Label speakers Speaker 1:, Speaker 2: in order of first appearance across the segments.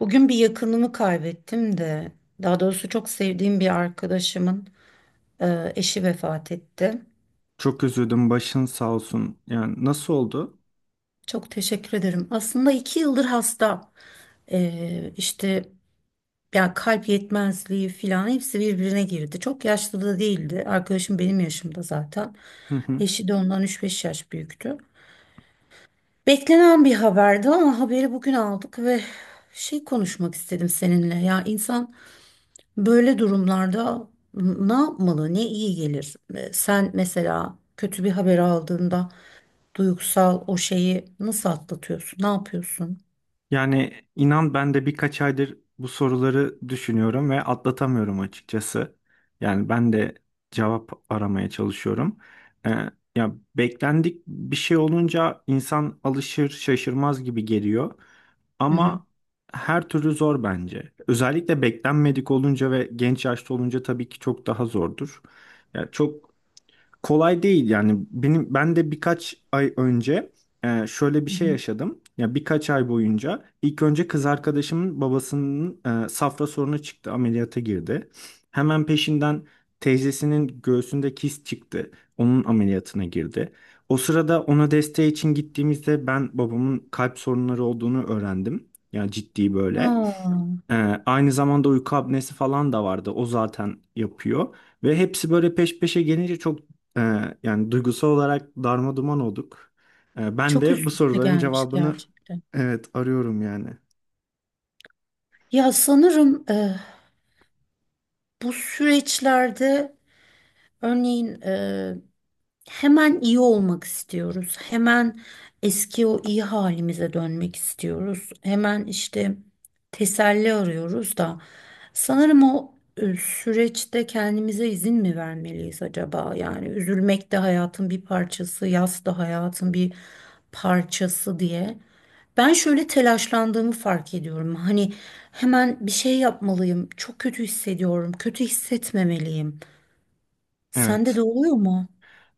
Speaker 1: Bugün bir yakınımı kaybettim de, daha doğrusu çok sevdiğim bir arkadaşımın eşi vefat etti.
Speaker 2: Çok üzüldüm. Başın sağ olsun. Yani nasıl oldu?
Speaker 1: Çok teşekkür ederim. Aslında iki yıldır hasta. E, işte ya kalp yetmezliği falan hepsi birbirine girdi. Çok yaşlı da değildi. Arkadaşım benim yaşımda zaten.
Speaker 2: Hı hı.
Speaker 1: Eşi de ondan 3-5 yaş büyüktü. Beklenen bir haberdi ama haberi bugün aldık ve konuşmak istedim seninle. Ya insan böyle durumlarda ne yapmalı, ne iyi gelir? Sen mesela kötü bir haber aldığında duygusal o şeyi nasıl atlatıyorsun? Ne yapıyorsun?
Speaker 2: Yani inan ben de birkaç aydır bu soruları düşünüyorum ve atlatamıyorum açıkçası. Yani ben de cevap aramaya çalışıyorum. Ee, ya beklendik bir şey olunca insan alışır şaşırmaz gibi geliyor.
Speaker 1: Hı hı.
Speaker 2: Ama her türlü zor bence. Özellikle beklenmedik olunca ve genç yaşta olunca tabii ki çok daha zordur. Ya çok kolay değil yani ben de birkaç ay önce şöyle bir
Speaker 1: Hı
Speaker 2: şey
Speaker 1: hı.
Speaker 2: yaşadım. Ya birkaç ay boyunca ilk önce kız arkadaşımın babasının safra sorunu çıktı, ameliyata girdi. Hemen peşinden teyzesinin göğsünde kist çıktı. Onun ameliyatına girdi. O sırada ona desteği için gittiğimizde ben babamın kalp sorunları olduğunu öğrendim. Yani ciddi böyle.
Speaker 1: Aa,
Speaker 2: Ee, aynı zamanda uyku apnesi falan da vardı. O zaten yapıyor. Ve hepsi böyle peş peşe gelince çok e, yani duygusal olarak darma duman olduk. Ben
Speaker 1: çok
Speaker 2: de bu
Speaker 1: üst üste
Speaker 2: soruların
Speaker 1: gelmiş
Speaker 2: cevabını,
Speaker 1: gerçekten.
Speaker 2: evet, arıyorum yani.
Speaker 1: Ya sanırım bu süreçlerde örneğin hemen iyi olmak istiyoruz. Hemen eski o iyi halimize dönmek istiyoruz. Hemen işte teselli arıyoruz da. Sanırım o süreçte kendimize izin mi vermeliyiz acaba? Yani üzülmek de hayatın bir parçası, yas da hayatın bir parçası diye. Ben şöyle telaşlandığımı fark ediyorum. Hani hemen bir şey yapmalıyım. Çok kötü hissediyorum. Kötü hissetmemeliyim. Sende de
Speaker 2: Evet.
Speaker 1: oluyor mu?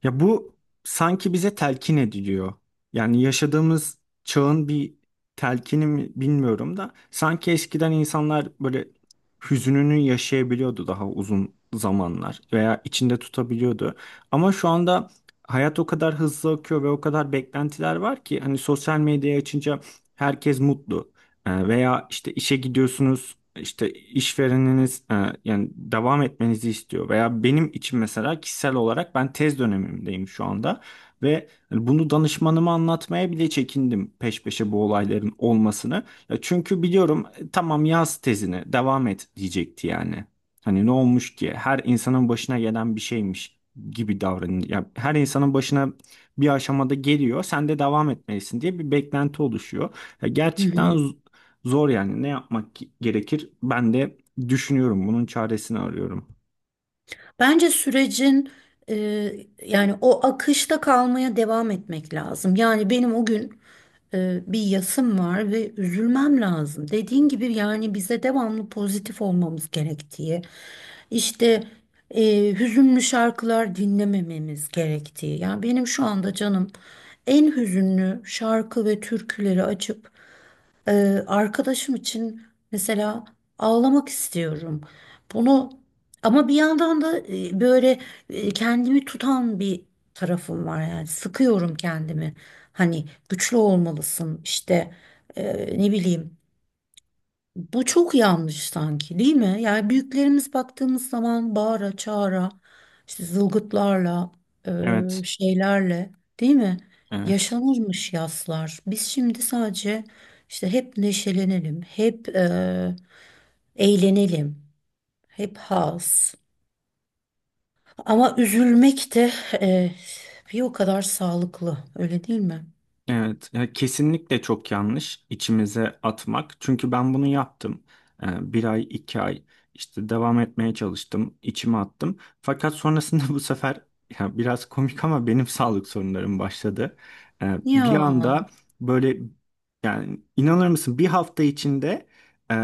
Speaker 2: Ya bu sanki bize telkin ediliyor. Yani yaşadığımız çağın bir telkini mi bilmiyorum da sanki eskiden insanlar böyle hüzününü yaşayabiliyordu daha uzun zamanlar veya içinde tutabiliyordu. Ama şu anda hayat o kadar hızlı akıyor ve o kadar beklentiler var ki hani sosyal medyayı açınca herkes mutlu. Veya işte işe gidiyorsunuz, işte işvereniniz yani devam etmenizi istiyor veya benim için mesela kişisel olarak ben tez dönemimdeyim şu anda ve hani bunu danışmanıma anlatmaya bile çekindim peş peşe bu olayların olmasını. Ya çünkü biliyorum, tamam yaz tezini devam et diyecekti yani. Hani ne olmuş ki her insanın başına gelen bir şeymiş gibi davranıyor. Ya her insanın başına bir aşamada geliyor. Sen de devam etmelisin diye bir beklenti oluşuyor. Ya
Speaker 1: Hı hı.
Speaker 2: gerçekten zor yani. Ne yapmak gerekir? Ben de düşünüyorum, bunun çaresini arıyorum.
Speaker 1: Bence sürecin e, yani o akışta kalmaya devam etmek lazım. Yani benim o gün bir yasım var ve üzülmem lazım. Dediğin gibi yani bize devamlı pozitif olmamız gerektiği, işte hüzünlü şarkılar dinlemememiz gerektiği. Yani benim şu anda canım en hüzünlü şarkı ve türküleri açıp e, arkadaşım için mesela ağlamak istiyorum. Bunu ama bir yandan da böyle kendimi tutan bir tarafım var yani sıkıyorum kendimi. Hani güçlü olmalısın işte ne bileyim. Bu çok yanlış sanki değil mi? Yani büyüklerimiz baktığımız zaman bağıra çağıra işte zılgıtlarla
Speaker 2: Evet,
Speaker 1: şeylerle değil mi?
Speaker 2: evet.
Speaker 1: Yaşanırmış yaslar. Biz şimdi sadece işte hep neşelenelim, hep eğlenelim, hep haz. Ama üzülmek de eh, bir o kadar sağlıklı, öyle değil mi?
Speaker 2: Evet, ya kesinlikle çok yanlış içimize atmak. Çünkü ben bunu yaptım. Bir ay, iki ay işte devam etmeye çalıştım, içime attım. Fakat sonrasında bu sefer ya biraz komik ama benim sağlık sorunlarım başladı. Bir
Speaker 1: Ya,
Speaker 2: anda böyle, yani inanır mısın, bir hafta içinde e,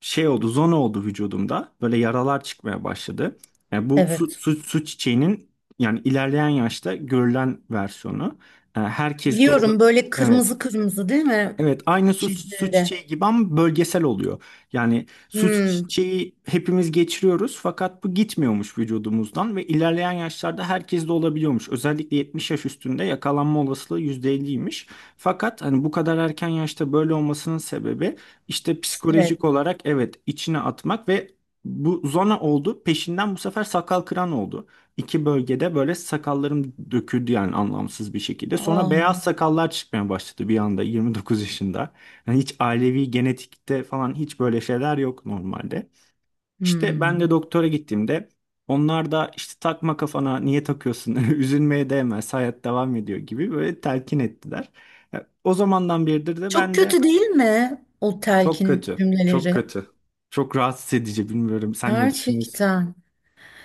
Speaker 2: şey oldu, zona oldu vücudumda. Böyle yaralar çıkmaya başladı. Yani bu su,
Speaker 1: evet.
Speaker 2: su, su çiçeğinin yani ilerleyen yaşta görülen versiyonu. Herkes de o da
Speaker 1: Biliyorum böyle
Speaker 2: evet.
Speaker 1: kırmızı kırmızı değil mi?
Speaker 2: Evet, aynı su
Speaker 1: Cildinde.
Speaker 2: çiçeği gibi ama bölgesel oluyor. Yani su
Speaker 1: Hmm,
Speaker 2: çiçeği hepimiz geçiriyoruz fakat bu gitmiyormuş vücudumuzdan ve ilerleyen yaşlarda herkes de olabiliyormuş. Özellikle 70 yaş üstünde yakalanma olasılığı %50'ymiş. Fakat hani bu kadar erken yaşta böyle olmasının sebebi işte
Speaker 1: stres.
Speaker 2: psikolojik olarak, evet, içine atmak ve bu zona oldu. Peşinden bu sefer sakal kıran oldu, iki bölgede böyle sakallarım döküldü yani anlamsız bir şekilde. Sonra
Speaker 1: Aa,
Speaker 2: beyaz sakallar çıkmaya başladı bir anda, 29 yaşında. Yani hiç ailevi genetikte falan hiç böyle şeyler yok normalde. İşte ben
Speaker 1: hmm.
Speaker 2: de doktora gittiğimde onlar da işte takma kafana, niye takıyorsun üzülmeye değmez, hayat devam ediyor gibi böyle telkin ettiler. Ya, o zamandan beridir de
Speaker 1: Çok
Speaker 2: ben de
Speaker 1: kötü değil mi o
Speaker 2: çok
Speaker 1: telkin
Speaker 2: kötü, çok
Speaker 1: cümleleri?
Speaker 2: kötü, çok rahatsız edici. Bilmiyorum, sen ne düşünüyorsun?
Speaker 1: Gerçekten.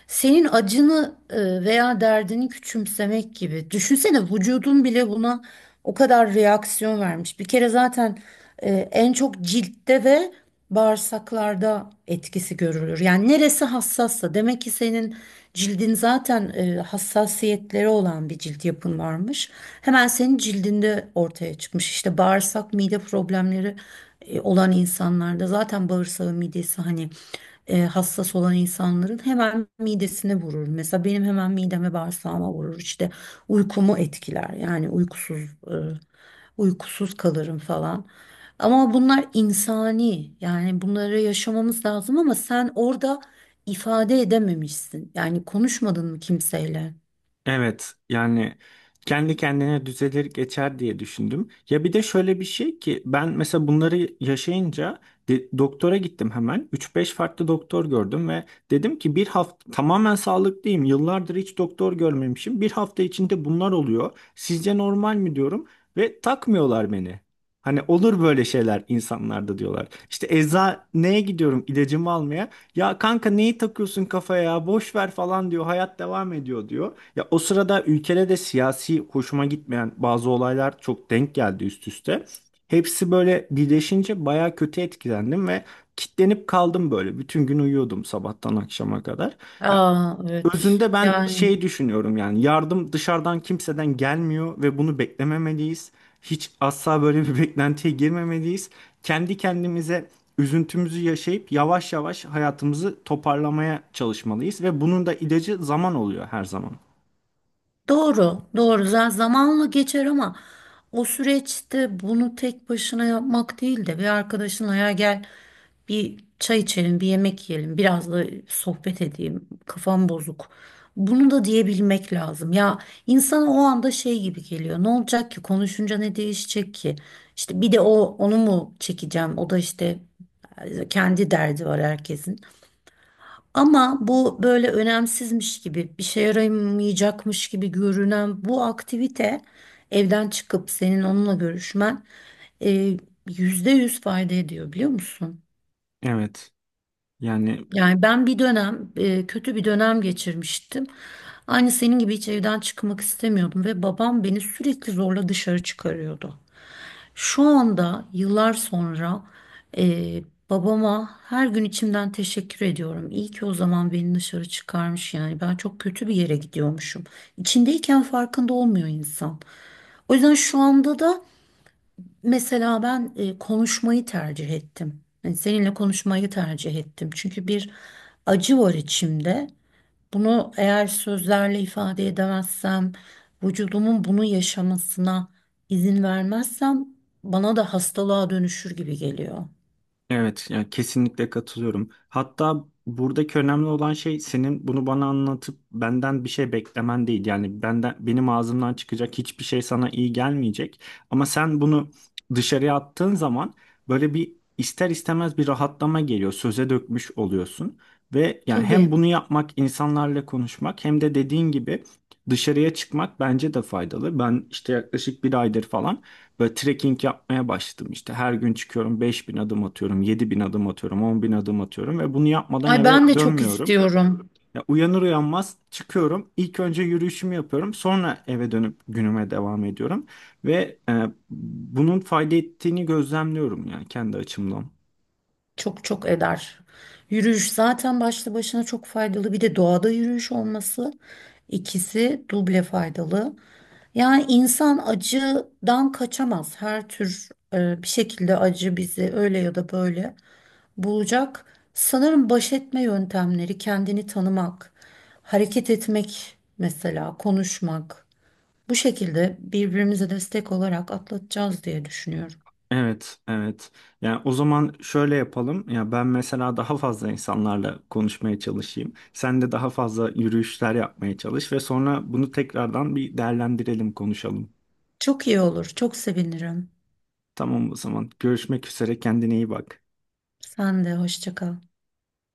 Speaker 1: Senin acını veya derdini küçümsemek gibi. Düşünsene vücudun bile buna o kadar reaksiyon vermiş. Bir kere zaten en çok ciltte ve bağırsaklarda etkisi görülür. Yani neresi hassassa demek ki senin cildin zaten hassasiyetleri olan bir cilt yapın varmış. Hemen senin cildinde ortaya çıkmış. İşte bağırsak, mide problemleri olan insanlarda zaten bağırsağı, midesi hani hassas olan insanların hemen midesine vurur. Mesela benim hemen mideme bağırsağıma vurur. İşte uykumu etkiler. Yani e, uykusuz kalırım falan. Ama bunlar insani. Yani bunları yaşamamız lazım ama sen orada ifade edememişsin. Yani konuşmadın mı kimseyle?
Speaker 2: Evet yani kendi kendine düzelir geçer diye düşündüm. Ya bir de şöyle bir şey ki, ben mesela bunları yaşayınca doktora gittim hemen. Üç beş farklı doktor gördüm ve dedim ki bir hafta tamamen sağlıklıyım. Yıllardır hiç doktor görmemişim. Bir hafta içinde bunlar oluyor. Sizce normal mi diyorum ve takmıyorlar beni. Hani olur böyle şeyler insanlarda diyorlar. İşte eczaneye gidiyorum ilacımı almaya. Ya kanka neyi takıyorsun kafaya ya, boş ver falan diyor. Hayat devam ediyor diyor. Ya o sırada ülkede de siyasi hoşuma gitmeyen bazı olaylar çok denk geldi üst üste. Hepsi böyle birleşince baya kötü etkilendim ve kitlenip kaldım böyle. Bütün gün uyuyordum sabahtan akşama kadar. Ya
Speaker 1: Aa, evet.
Speaker 2: özünde ben
Speaker 1: Yani.
Speaker 2: şey düşünüyorum, yani yardım dışarıdan kimseden gelmiyor ve bunu beklememeliyiz. Hiç asla böyle bir beklentiye girmemeliyiz. Kendi kendimize üzüntümüzü yaşayıp yavaş yavaş hayatımızı toparlamaya çalışmalıyız ve bunun da ilacı zaman oluyor her zaman.
Speaker 1: Doğru, doğru. Zamanla geçer ama o süreçte bunu tek başına yapmak değil de bir arkadaşınla ya gel bir çay içelim, bir yemek yiyelim, biraz da sohbet edeyim, kafam bozuk. Bunu da diyebilmek lazım. Ya insana o anda şey gibi geliyor. Ne olacak ki? Konuşunca ne değişecek ki? İşte bir de onu mu çekeceğim? O da işte kendi derdi var herkesin. Ama bu böyle önemsizmiş gibi, bir şey yaramayacakmış gibi görünen bu aktivite, evden çıkıp senin onunla görüşmen e, %100 fayda ediyor biliyor musun?
Speaker 2: Evet. Yani
Speaker 1: Yani ben bir dönem kötü bir dönem geçirmiştim. Aynı senin gibi hiç evden çıkmak istemiyordum ve babam beni sürekli zorla dışarı çıkarıyordu. Şu anda yıllar sonra e, babama her gün içimden teşekkür ediyorum. İyi ki o zaman beni dışarı çıkarmış, yani ben çok kötü bir yere gidiyormuşum. İçindeyken farkında olmuyor insan. O yüzden şu anda da mesela ben konuşmayı tercih ettim. Yani seninle konuşmayı tercih ettim. Çünkü bir acı var içimde. Bunu eğer sözlerle ifade edemezsem, vücudumun bunu yaşamasına izin vermezsem bana da hastalığa dönüşür gibi geliyor.
Speaker 2: evet, yani kesinlikle katılıyorum. Hatta buradaki önemli olan şey senin bunu bana anlatıp benden bir şey beklemen değil. Yani benden, benim ağzımdan çıkacak hiçbir şey sana iyi gelmeyecek. Ama sen bunu dışarıya attığın zaman böyle bir ister istemez bir rahatlama geliyor. Söze dökmüş oluyorsun ve yani hem
Speaker 1: Tabii.
Speaker 2: bunu yapmak, insanlarla konuşmak, hem de dediğin gibi dışarıya çıkmak bence de faydalı. Ben işte yaklaşık bir aydır falan böyle trekking yapmaya başladım işte. Her gün çıkıyorum, 5.000 adım atıyorum, 7.000 adım atıyorum, 10.000 adım atıyorum ve bunu yapmadan
Speaker 1: Ay
Speaker 2: eve
Speaker 1: ben de çok
Speaker 2: dönmüyorum.
Speaker 1: istiyorum.
Speaker 2: Ya uyanır uyanmaz çıkıyorum. İlk önce yürüyüşümü yapıyorum. Sonra eve dönüp günüme devam ediyorum. Ve bunun fayda ettiğini gözlemliyorum yani kendi açımdan.
Speaker 1: Çok çok eder. Yürüyüş zaten başlı başına çok faydalı. Bir de doğada yürüyüş olması, ikisi duble faydalı. Yani insan acıdan kaçamaz. Her tür bir şekilde acı bizi öyle ya da böyle bulacak. Sanırım baş etme yöntemleri kendini tanımak, hareket etmek mesela, konuşmak. Bu şekilde birbirimize destek olarak atlatacağız diye düşünüyorum.
Speaker 2: Evet, evet. Yani o zaman şöyle yapalım. Ya ben mesela daha fazla insanlarla konuşmaya çalışayım. Sen de daha fazla yürüyüşler yapmaya çalış ve sonra bunu tekrardan bir değerlendirelim, konuşalım.
Speaker 1: Çok iyi olur, çok sevinirim.
Speaker 2: Tamam o zaman. Görüşmek üzere. Kendine iyi bak.
Speaker 1: Sen de hoşça kal.